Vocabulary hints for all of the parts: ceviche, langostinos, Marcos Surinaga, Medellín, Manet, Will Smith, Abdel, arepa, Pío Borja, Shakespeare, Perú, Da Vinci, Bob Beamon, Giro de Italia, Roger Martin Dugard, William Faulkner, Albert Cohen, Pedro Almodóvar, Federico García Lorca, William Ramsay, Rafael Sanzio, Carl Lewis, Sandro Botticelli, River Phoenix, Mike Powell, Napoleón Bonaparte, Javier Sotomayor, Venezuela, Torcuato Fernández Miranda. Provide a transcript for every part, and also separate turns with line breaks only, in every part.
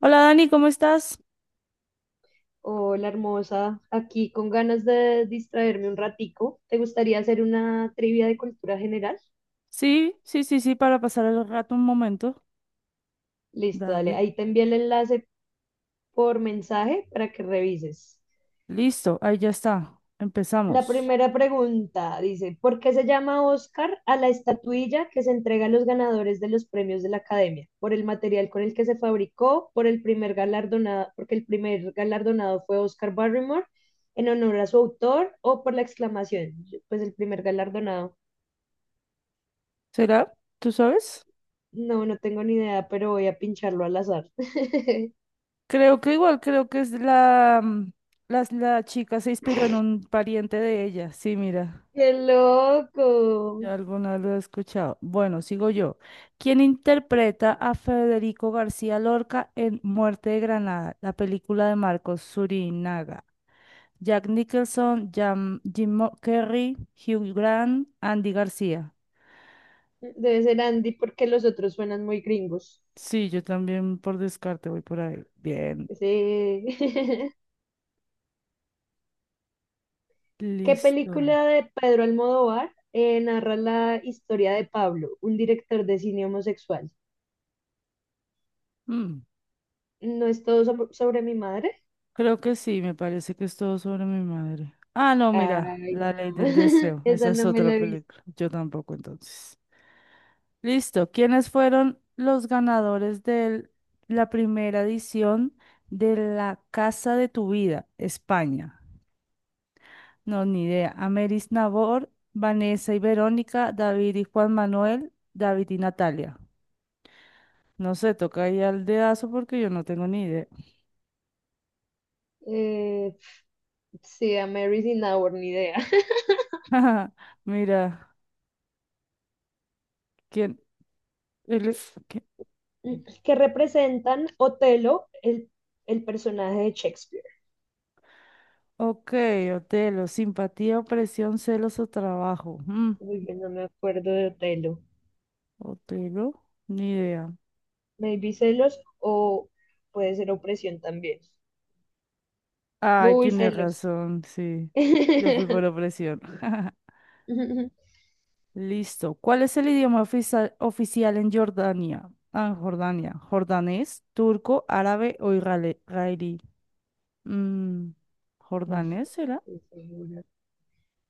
Hola Dani, ¿cómo estás?
Hola, hermosa. Aquí con ganas de distraerme un ratico. ¿Te gustaría hacer una trivia de cultura general?
Sí, sí, sí, sí, para pasar el rato un momento.
Listo, dale.
Dale.
Ahí te envié el enlace por mensaje para que revises.
Listo, ahí ya está.
La
Empezamos.
primera pregunta dice, ¿por qué se llama Oscar a la estatuilla que se entrega a los ganadores de los premios de la Academia? ¿Por el material con el que se fabricó? ¿Por el primer galardonado? Porque el primer galardonado fue Oscar Barrymore en honor a su autor o por la exclamación, pues el primer galardonado.
¿Será? ¿Tú sabes?
No, no tengo ni idea, pero voy a pincharlo al azar.
Creo que igual, creo que es la chica se inspiró en un pariente de ella. Sí, mira,
¡Qué loco!
ya alguna lo he escuchado. Bueno, sigo yo. ¿Quién interpreta a Federico García Lorca en Muerte de Granada, la película de Marcos Surinaga? Jack Nicholson, Jim Carrey, Hugh Grant, Andy García.
Debe ser Andy porque los otros suenan muy gringos.
Sí, yo también por descarte voy por ahí. Bien,
Sí. ¿Qué
listo.
película de Pedro Almodóvar narra la historia de Pablo, un director de cine homosexual?
Mm,
¿No es todo sobre mi madre?
Creo que sí, me parece que es todo sobre mi madre. Ah, no, mira,
Ay,
La
no.
Ley del Deseo. Esa
Esa
es
no me
otra
la he visto.
película. Yo tampoco, entonces. Listo. ¿Quiénes fueron los ganadores de la primera edición de La Casa de tu Vida, España? No, ni idea. Ameris Nabor, Vanessa y Verónica, David y Juan Manuel, David y Natalia. No sé, toca ahí al dedazo porque yo no tengo ni idea.
Eh, sí, a Mary's in Our, ni idea.
Mira, ¿quién? Él es- ¿qué?
Que representan Otelo, el personaje de Shakespeare.
Ok, Otelo, simpatía, opresión, celos o trabajo.
Uy, yo no me acuerdo de Otelo.
Otelo, ni idea.
Maybe celos o puede ser opresión también.
Ay,
Uy,
tienes
celos.
razón, sí. Yo fui por opresión. Listo. ¿Cuál es el idioma oficial en Jordania? Ah, en Jordania. ¿Jordanés, turco, árabe o israelí? Mm,
No
¿Jordanés será?
estoy segura.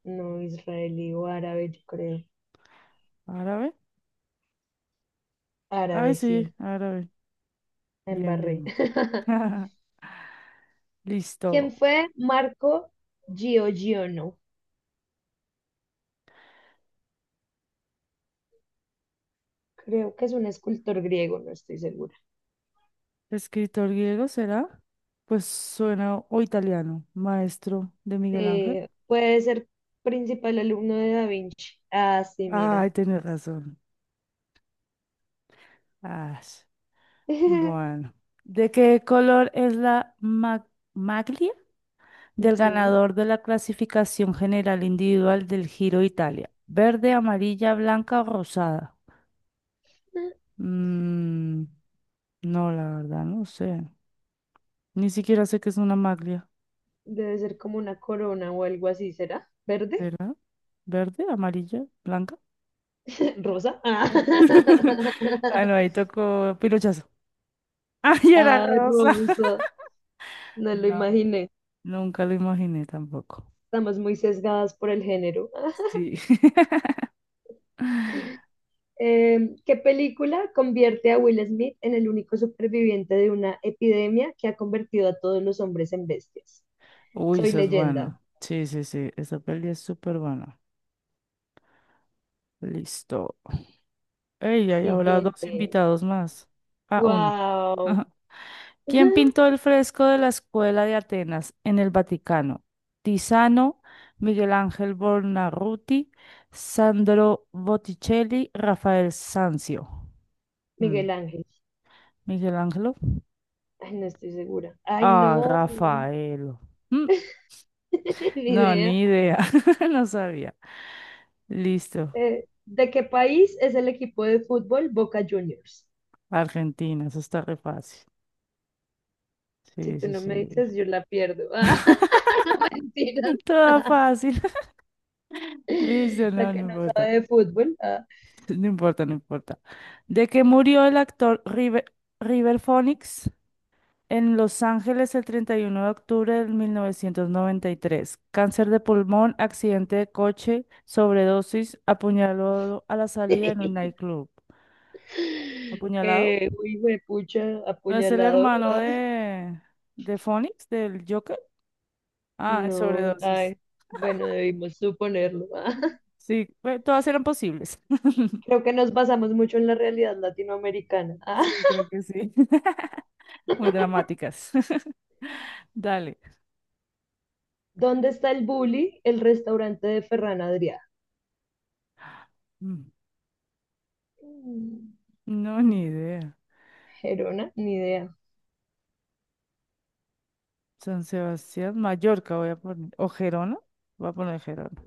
No, israelí o árabe, yo creo.
¿Árabe? Ay,
Árabe,
sí,
sí,
árabe.
la
Bien,
embarré.
bien.
¿Quién
Listo.
fue Marco Giorgione? Creo que es un escultor griego, no estoy segura.
¿Escritor griego será? Pues suena o italiano, maestro de Miguel
Sí,
Ángel.
puede ser principal alumno de Da Vinci. Ah, sí, mira.
Ay, tienes razón. Ah, bueno. ¿De qué color es la maglia? Del
Ujú.
ganador de la clasificación general individual del Giro de Italia. Verde, amarilla, blanca o rosada. Mm, no, la verdad, no sé. Ni siquiera sé qué es una maglia,
Debe ser como una corona o algo así, ¿será? ¿Verde?
¿verdad? Verde, amarilla, blanca.
¿Rosa? Ah,
Ah, no, ahí tocó pirochazo. ¡Ay, era
Ah,
rosa!
rosa. No lo
No,
imaginé.
nunca lo imaginé tampoco.
Estamos muy sesgadas por el género.
Sí.
¿Qué película convierte a Will Smith en el único superviviente de una epidemia que ha convertido a todos los hombres en bestias?
Uy,
Soy
esa es buena.
leyenda.
Sí, sí, sí. Esa peli es súper buena. Listo. Ey, hay ahora dos
Siguiente.
invitados más. Ah, uno.
Wow.
Ajá. ¿Quién pintó el fresco de la Escuela de Atenas en el Vaticano? Tiziano, Miguel Ángel Buonarroti, Sandro Botticelli, Rafael Sanzio. Mm,
Miguel Ángel.
¿Miguel Ángelo?
Ay, no estoy segura. Ay,
Ah,
no.
Rafael. Mm,
Ni
No,
idea.
ni idea. No sabía. Listo.
¿De qué país es el equipo de fútbol Boca Juniors?
Argentina, eso está re fácil.
Si
Sí,
tú
sí,
no me
sí.
dices, yo la pierdo. Ah, mentiras.
Toda fácil. Listo,
La
no,
que
no
no
importa.
sabe de fútbol. Ah.
No importa, no importa. De que murió el actor River, River Phoenix en Los Ángeles el 31 de octubre de 1993, Cáncer de pulmón, accidente de coche, sobredosis, apuñalado a la salida en un nightclub. ¿Apuñalado?
Pucha,
¿No es el
apuñalado.
hermano
Ah,
de Phoenix, del Joker? Ah, en
no,
sobredosis.
ay, bueno, debimos suponerlo. Ah.
Sí, bueno, todas eran posibles.
Creo que nos basamos mucho en la realidad latinoamericana. Ah.
Sí, creo que sí. Muy dramáticas. Dale.
¿Dónde está el Bully, el restaurante de Ferran Adrià?
Mm.
Mm,
No, ni idea.
Gerona, ni idea.
San Sebastián, Mallorca voy a poner. ¿O Gerona? Voy a poner Gerona.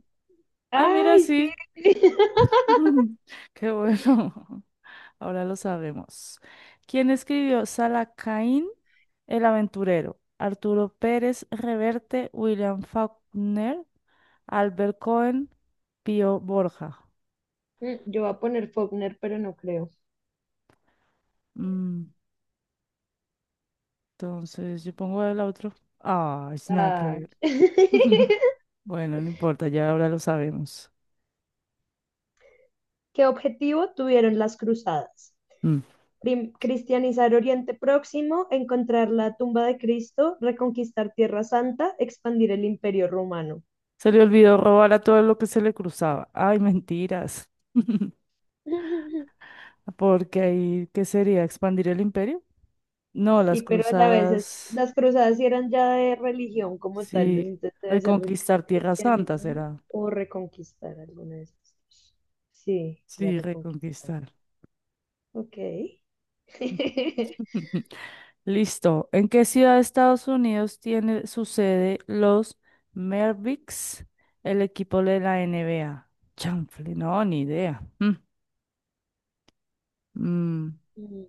Ah, mira,
¡Ay,
sí.
sí!
Qué bueno. Ahora lo sabemos. ¿Quién escribió Salacaín, el aventurero? Arturo Pérez Reverte, William Faulkner, Albert Cohen, Pío Borja.
Mm, yo voy a poner Faulkner, pero no creo.
Mm, entonces, yo pongo el otro. Ah, es nada que
Ay.
ver. Bueno, no importa, ya ahora lo sabemos.
¿Qué objetivo tuvieron las cruzadas?
Mm.
Cristianizar Oriente Próximo, encontrar la tumba de Cristo, reconquistar Tierra Santa, expandir el Imperio Romano.
Se le olvidó robar a todo lo que se le cruzaba. Ay, mentiras. Porque ahí, ¿qué sería? ¿Expandir el imperio? No,
Sí,
las
pero a la vez
cruzadas,
las cruzadas sí eran ya de religión como tales,
sí.
entonces debe ser
Reconquistar Tierra Santa
cristianizar
será.
o reconquistar alguna de esas dos. Sí, era
Sí,
reconquistar.
reconquistar.
Ok.
Listo. ¿En qué ciudad de Estados Unidos tiene su sede los Mavericks, el equipo de la NBA? Chanfle, no, ni idea. Mm. Mm.
Mm,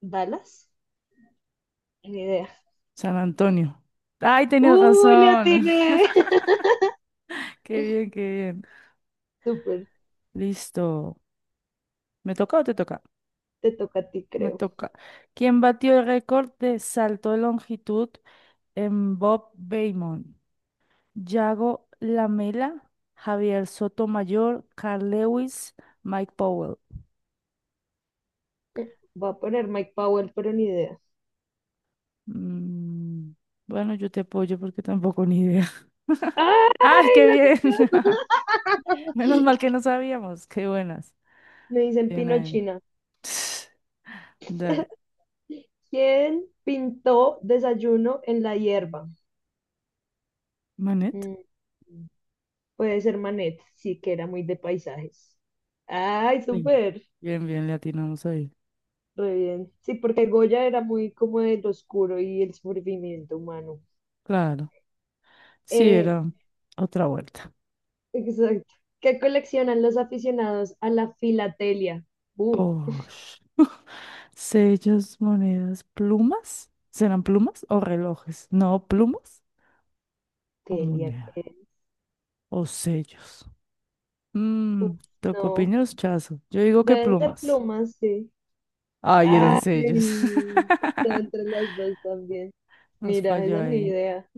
¿Dallas? Ni idea.
San Antonio. Ay, tenías
¡Uy, le
razón.
atiné!
Qué bien, qué bien.
Súper,
Listo. ¿Me toca o te toca?
te toca a ti,
Me
creo.
toca. ¿Quién batió el récord de salto de longitud en Bob Beamon, Yago Lamela, Javier Sotomayor, Carl Lewis, Mike Powell.
Voy a poner Mike Powell, pero ni idea.
Mm, bueno, yo te apoyo porque tampoco ni idea. ¡Ay,
¡Ay,
qué
la
bien! Menos mal que no sabíamos. Qué buenas.
me dicen
Bien ahí.
Pinochina.
Dale.
¿Quién pintó desayuno en la hierba?
¿Manet?
Mm, puede ser Manet, sí que era muy de paisajes. ¡Ay,
Sí.
súper!
Bien, bien, le atinamos ahí.
Re bien. Sí, porque Goya era muy como del oscuro y el sufrimiento humano.
Claro. Sí,
Eh,
era otra vuelta.
exacto. ¿Qué coleccionan los aficionados a la filatelia? Uh,
Oh, sellos, monedas, plumas. ¿Serán plumas o relojes? No, plumas o
telia,
monedas
¿qué es?
o sellos.
Uf,
Mmm,
no.
tocopiños, chazo. Yo digo que
Deben ser
plumas.
plumas, sí.
Ay, eran
Ay,
sellos.
está entre las dos también.
Nos
Mira,
falló
esa ni
ahí.
idea.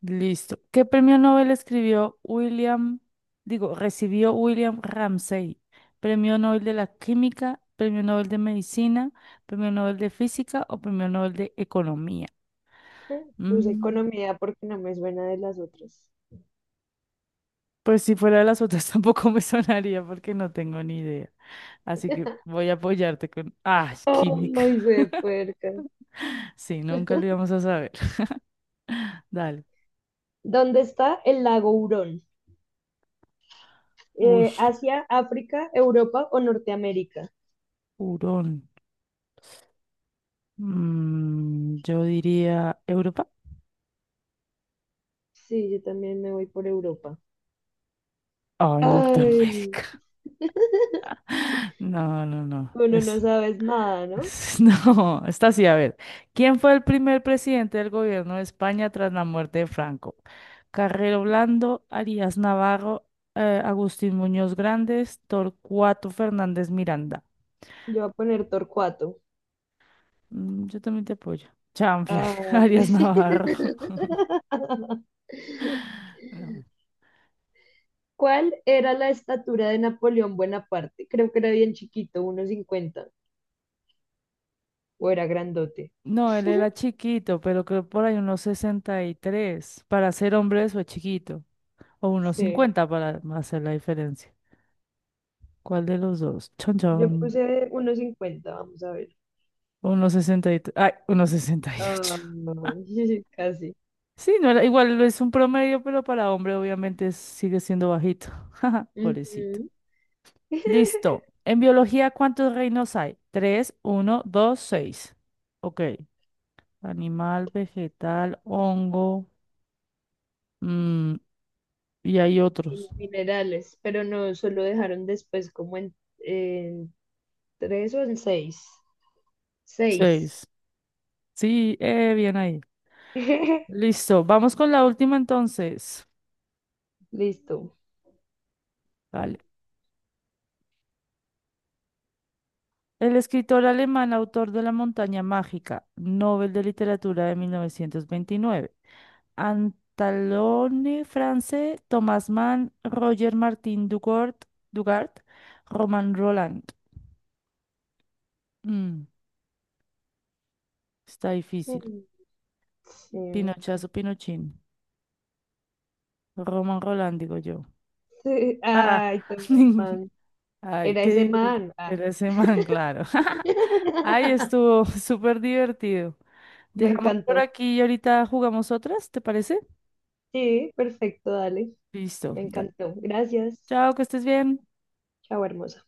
Listo. ¿Qué premio Nobel escribió William, digo, recibió William Ramsay? ¿Premio Nobel de la Química, Premio Nobel de Medicina, Premio Nobel de Física o Premio Nobel de Economía?
Puse
Mm,
economía porque no me suena de las otras.
pues si fuera de las otras tampoco me sonaría porque no tengo ni idea. Así que voy a apoyarte con... Ah, química.
Ay, de puerca.
Sí, nunca lo íbamos a saber. Dale.
¿Dónde está el lago Hurón?
Uy,
¿Asia, África, Europa o Norteamérica?
hurón. Yo diría Europa.
Sí, yo también me voy por Europa.
Ay,
Ay,
Norteamérica. No, no, no.
bueno, no sabes nada, ¿no?
No, está así. A ver, ¿quién fue el primer presidente del gobierno de España tras la muerte de Franco? Carrero Blando, Arias Navarro, Agustín Muñoz Grandes, Torcuato Fernández Miranda.
Yo voy a poner Torcuato.
Yo también te apoyo. Chanfle,
Ay.
Arias Navarro. No.
¿Cuál era la estatura de Napoleón Bonaparte? Creo que era bien chiquito, 1,50 o era grandote.
No, él era chiquito, pero creo por ahí unos 63 Para ser hombre eso es chiquito. O unos
Sí,
50 para hacer la diferencia. ¿Cuál de los dos? Chon,
yo
chon.
puse 1,50, vamos a ver.
Unos 68. Ay, unos ocho
Ah, casi.
Sí, no era, igual es un promedio, pero para hombre obviamente sigue siendo bajito. Jaja, pobrecito.
Ujú.
Listo. En biología, ¿cuántos reinos hay? Tres, uno, dos, seis. Ok. Animal, vegetal, hongo. mm, y hay otros.
Minerales, pero no, solo dejaron después como en tres o en seis. Seis.
Seis. Sí, bien ahí. Listo. Vamos con la última entonces.
Listo.
Vale. El escritor alemán, autor de La montaña mágica, Nobel de Literatura de 1929. Antalone France, Thomas Mann, Roger Martin Dugard, Dugard, Roman Roland. Mm, está difícil.
Mm, sí.
Pinochazo, Pinochín. Roman Roland, digo yo. Ah,
Ay, Tomás Mann.
ay,
Era
qué
ese
divertido
man. Ah.
era ese man, claro. Ay, estuvo súper divertido.
Me
Dejamos por
encantó.
aquí y ahorita jugamos otras, ¿te parece?
Sí, perfecto, dale.
Listo.
Me
Dale.
encantó. Gracias.
Chao, que estés bien.
Chao, hermosa.